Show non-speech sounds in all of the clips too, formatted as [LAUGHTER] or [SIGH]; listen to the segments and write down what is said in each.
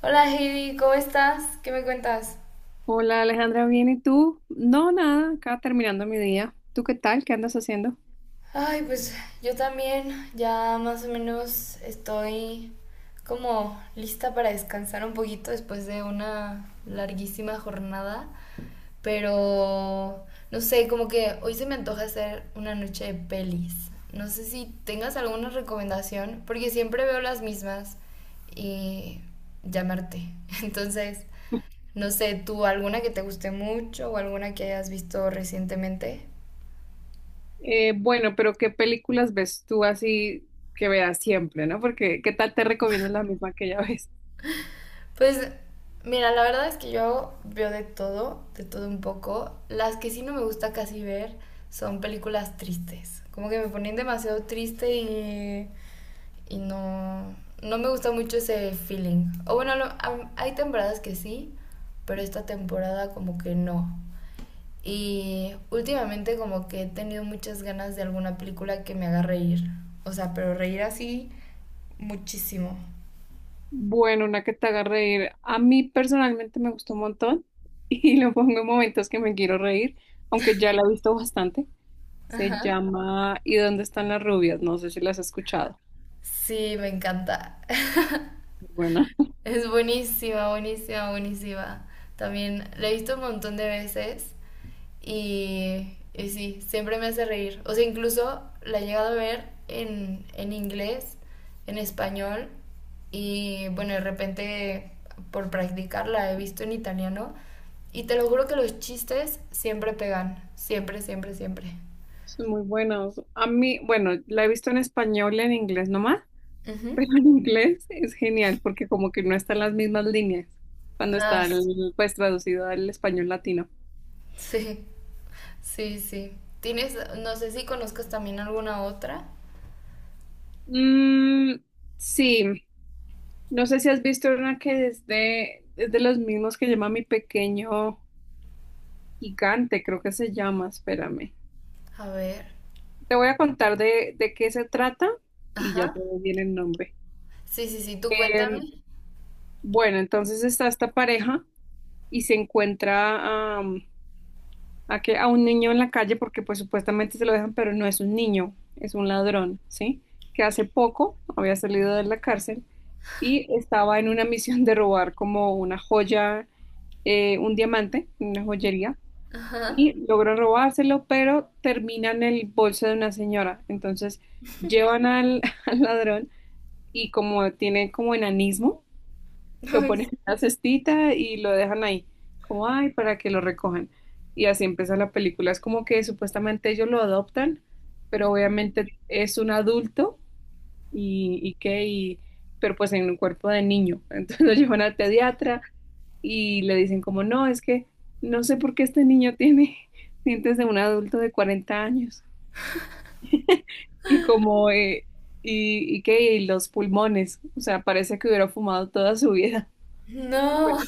Hola Heidi, ¿cómo estás? ¿Qué me cuentas? Hola Alejandra, ¿bien y tú? No, nada, acá terminando mi día. ¿Tú qué tal? ¿Qué andas haciendo? Ay, pues yo también ya más o menos estoy como lista para descansar un poquito después de una larguísima jornada, pero no sé, como que hoy se me antoja hacer una noche de pelis. No sé si tengas alguna recomendación, porque siempre veo las mismas y llamarte. [LAUGHS] Entonces, no sé, ¿tú alguna que te guste mucho o alguna que hayas visto recientemente? Bueno, pero ¿qué películas ves tú así que veas siempre, no? Porque ¿qué tal te recomiendas la misma que ya ves? Pues mira, la verdad es que yo veo de todo un poco. Las que sí no me gusta casi ver son películas tristes. Como que me ponen demasiado triste y no me gusta mucho ese feeling. O bueno, hay temporadas que sí, pero esta temporada como que no. Y últimamente como que he tenido muchas ganas de alguna película que me haga reír. O sea, pero reír así muchísimo. Bueno, una que te haga reír. A mí personalmente me gustó un montón [LAUGHS] y lo pongo en momentos que me quiero reír, aunque ya la he visto bastante. Se Ajá. llama ¿Y dónde están las rubias? No sé si las has escuchado. Sí, me encanta. Muy buena. Es buenísima, buenísima, buenísima. También la he visto un montón de veces y sí, siempre me hace reír. O sea, incluso la he llegado a ver en inglés, en español y bueno, de repente por practicar la he visto en italiano y te lo juro que los chistes siempre pegan, siempre, siempre, siempre. Son muy buenas. A mí, bueno, la he visto en español y en inglés nomás. Ujú. Pero en inglés es genial porque como que no están las mismas líneas cuando Ah, está s- el- pues traducido al español latino. sí, sí, sí. ¿Tienes, no sé si conozcas también alguna otra? Mm, sí, no sé si has visto una que es de los mismos que llama Mi Pequeño Gigante, creo que se llama, espérame. A ver. Te voy a contar de qué se trata y ya Ajá. te doy bien el nombre. Sí, sí, sí, tú cuéntame. Em, Bueno, entonces está esta pareja y se encuentra, a que a un niño en la calle porque pues supuestamente se lo dejan, pero no es un niño, es un ladrón, ¿sí? Que hace poco había salido de la cárcel y estaba en una misión de robar como una joya, un diamante, una joyería, Ajá. y logró robárselo, pero termina en el bolso de una señora. Entonces llevan al, [LAUGHS] al ladrón y como tiene como enanismo, lo Ay, ponen en una cestita y lo dejan ahí, como ay, para que lo recojan. Y así empieza la película. Es como que supuestamente ellos lo adoptan, pero obviamente es un adulto y qué, y, pero pues en un cuerpo de niño. [LAUGHS] Entonces lo llevan al pediatra y le dicen como, no, es que no sé por qué este niño tiene [LAUGHS] dientes de un adulto de 40 años. Y como, y qué, y los pulmones. O sea, parece que hubiera fumado toda su vida. [LAUGHS] no. Bueno, [LAUGHS]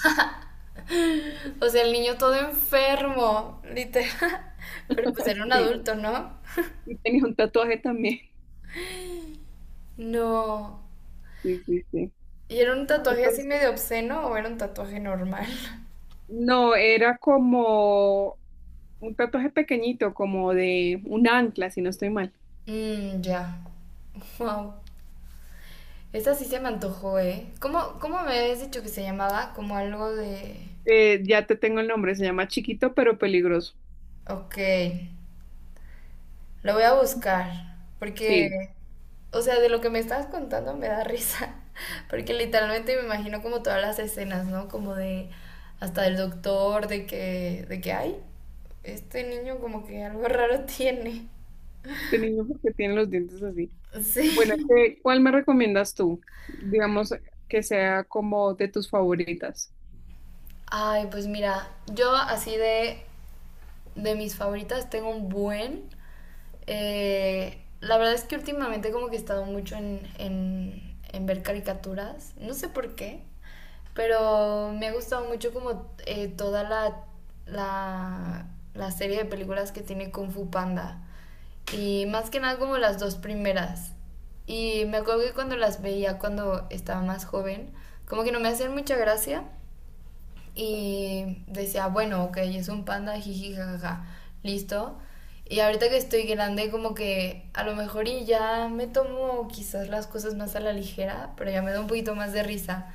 O sea, el niño todo enfermo, literal. [LAUGHS] Pero pues [LAUGHS] era un sí. adulto, ¿no? Y tenía un tatuaje también. No. Sí, sí, sí. ¿Y era un tatuaje así Entonces, medio obsceno o era un tatuaje normal? [LAUGHS] no, era como un tatuaje pequeñito, como de un ancla, si no estoy mal. Mmm, ya. Wow. Esa sí se me antojó, ¿eh? ¿Cómo, cómo me habías dicho que se llamaba? Como algo de... Ya te tengo el nombre, se llama Chiquito pero peligroso. Ok. Lo voy a buscar, porque, Sí, o sea, de lo que me estabas contando me da risa, [LAUGHS] porque literalmente me imagino como todas las escenas, ¿no? Como de hasta del doctor, de que, ay, este niño como que algo [LAUGHS] raro tiene. este niño porque tiene los dientes así. Bueno, Sí. ¿qué- cuál me recomiendas tú? Digamos que sea como de tus favoritas. Ay, pues mira, yo así de mis favoritas, tengo un buen. La verdad es que últimamente como que he estado mucho en ver caricaturas, no sé por qué, pero me ha gustado mucho como toda la, la serie de películas que tiene Kung Fu Panda. Y más que nada como las dos primeras. Y me acuerdo que cuando las veía cuando estaba más joven, como que no me hacían mucha gracia, y decía, bueno, ok, es un panda, jiji, jajaja, listo. Y ahorita que estoy grande, como que a lo mejor y ya me tomo quizás las cosas más a la ligera, pero ya me da un poquito más de risa.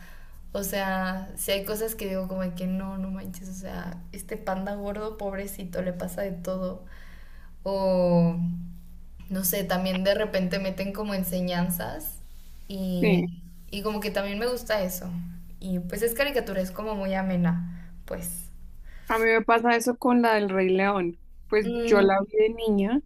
O sea, si hay cosas que digo como que no, no manches, o sea, este panda gordo, pobrecito, le pasa de todo. O, no sé, también de repente meten como enseñanzas Sí, y, y como que también me gusta eso. Y pues es caricatura, es como muy amena, pues. a mí me pasa eso con la del Rey León. Pues yo la Mm, vi de niña.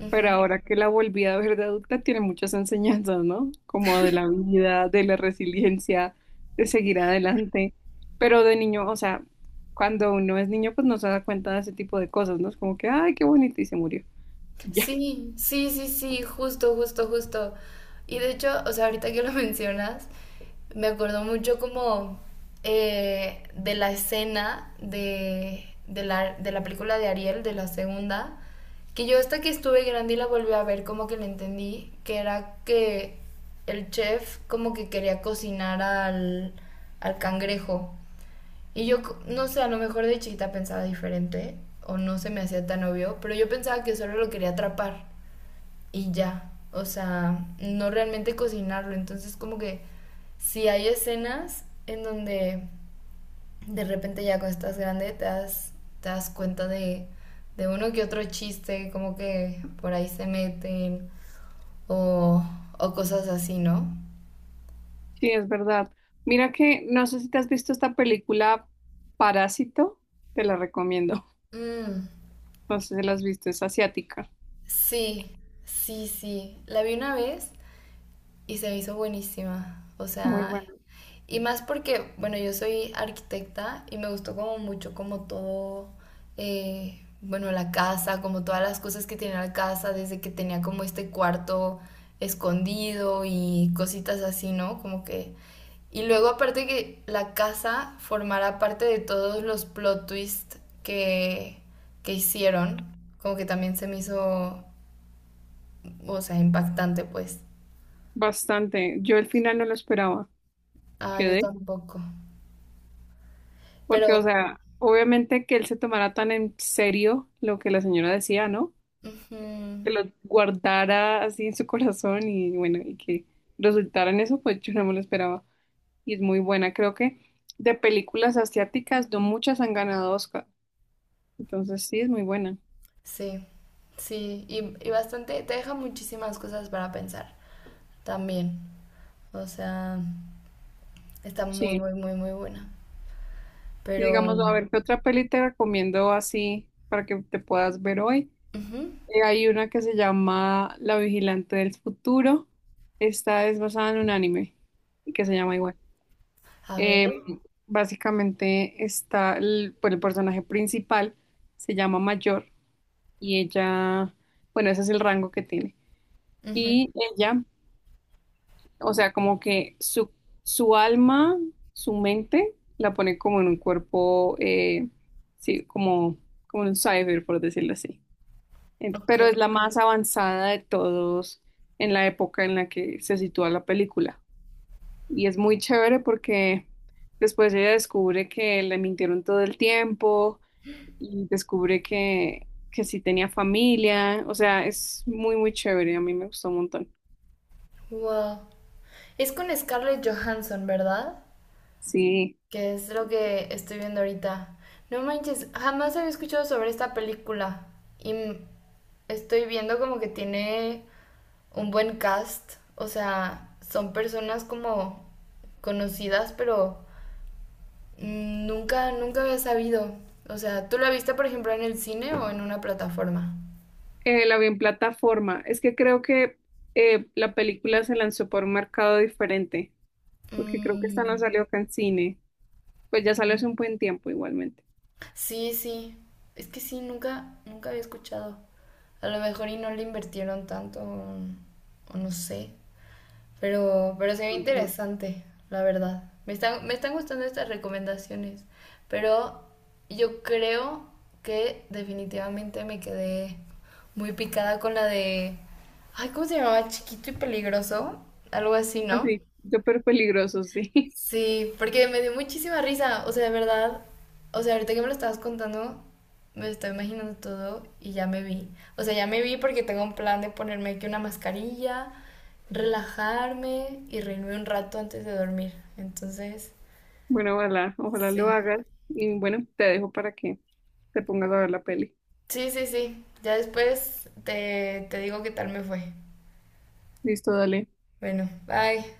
ujú. Pero ahora que la volví a ver de adulta, tiene muchas enseñanzas, ¿no? Como de la vida, de la resiliencia, de seguir adelante. Pero de niño, o sea, cuando uno es niño, pues no se da cuenta de ese tipo de cosas, ¿no? Es como que, ay, qué bonito, y se murió. [LAUGHS] Y ya, Sí, sí, sí, sí, justo, justo, justo. Y de hecho, o sea, ahorita que lo [LAUGHS] mencionas, me acordó mucho como de la escena de la película de Ariel, de la segunda, que yo hasta que estuve grande y la volví a ver, como que la entendí, que era que el chef como que quería cocinar al cangrejo. Y yo, no sé, a lo mejor de chiquita pensaba diferente, o no se me hacía tan obvio, pero yo pensaba que solo lo quería atrapar y ya. O sea, no realmente cocinarlo. Entonces, como que si hay escenas en donde de repente ya cuando estás grande te das cuenta de uno que otro chiste, como que por ahí se meten o, o cosas así, ¿no? sí, es verdad. Mira que, no sé si te has visto esta película Parásito, te la recomiendo. [LAUGHS] Mm, No sé si la has visto, es asiática. sí, sí, sí. La vi una vez y se me hizo buenísima. O Muy sea, buena. y más porque, bueno, yo soy arquitecta y me gustó como mucho como todo, bueno, la casa, como todas las cosas que tenía la casa, desde que tenía como este cuarto escondido y cositas así, ¿no? Como que... Y luego aparte que la casa formará parte de todos los plot twists que hicieron, como que también se me hizo, o sea, impactante, pues. Bastante. Yo al final no lo esperaba. Ah, yo Quedé. tampoco. Porque, o Pero... sea, obviamente que él se tomara tan en serio lo que la señora decía, ¿no? ujú. Que lo guardara así en su corazón y bueno, y que resultara en eso, pues yo no me lo esperaba. Y es muy buena. Creo que de películas asiáticas no muchas han ganado Oscar. Entonces sí, es muy buena. Sí, sí, y bastante, te deja muchísimas cosas para pensar también. O sea, está muy, Sí. muy, muy, muy buena. Y Pero, digamos, a ver, ¿qué otra peli te recomiendo así para que te puedas ver hoy? ujú, Hay una que se llama La Vigilante del Futuro. Esta es basada en un anime y que se llama igual. a ver, Eh, Básicamente está el, pues, el personaje principal, se llama Mayor y ella, bueno, ese es el rango que tiene. ujú, Y ella, o sea, como que su alma, su mente, la pone como en un cuerpo, sí, como, como en un cyber, por decirlo así. Pero es ok, la más avanzada de todos en la época en la que se sitúa la película. Y es muy chévere porque después ella descubre que le mintieron todo el tiempo y descubre que sí tenía familia. O sea, es muy, muy chévere. A mí me gustó un montón. wow. Es con Scarlett Johansson, ¿verdad? Sí, Que es lo que estoy viendo ahorita. No manches, jamás había escuchado sobre esta película. Y estoy viendo como que tiene un buen cast. O sea, son personas como conocidas, pero mm, nunca, nunca había sabido. O sea, ¿tú la viste, por ejemplo, en el cine o en una plataforma? La vi en plataforma. Es que creo que la película se lanzó por un mercado diferente, porque creo que esta no Mm, salió acá en cine. Pues ya salió hace un buen tiempo igualmente. sí, sí. Es que sí, nunca, nunca había escuchado. A lo mejor y no le invirtieron tanto, o no sé. Pero se ve Ujú. interesante, la verdad. Me están gustando estas recomendaciones, pero yo creo que definitivamente me quedé muy picada con la de... Ay, ¿cómo se llamaba? Chiquito y peligroso. Algo así, ¿no? Así, súper peligroso, sí. [LAUGHS] Sí, porque me dio muchísima risa, o sea, de verdad, o sea, ahorita que me lo estabas contando, me estoy imaginando todo y ya me vi. O sea, ya me vi porque tengo un plan de ponerme aquí una mascarilla, relajarme y reírme un rato antes de dormir. Entonces, Bueno, ojalá, ojalá lo sí. hagas. Y bueno, te dejo para que te pongas a ver la peli. Sí, sí, sí. Ya después te digo qué tal me fue. Listo, dale. Bueno, bye.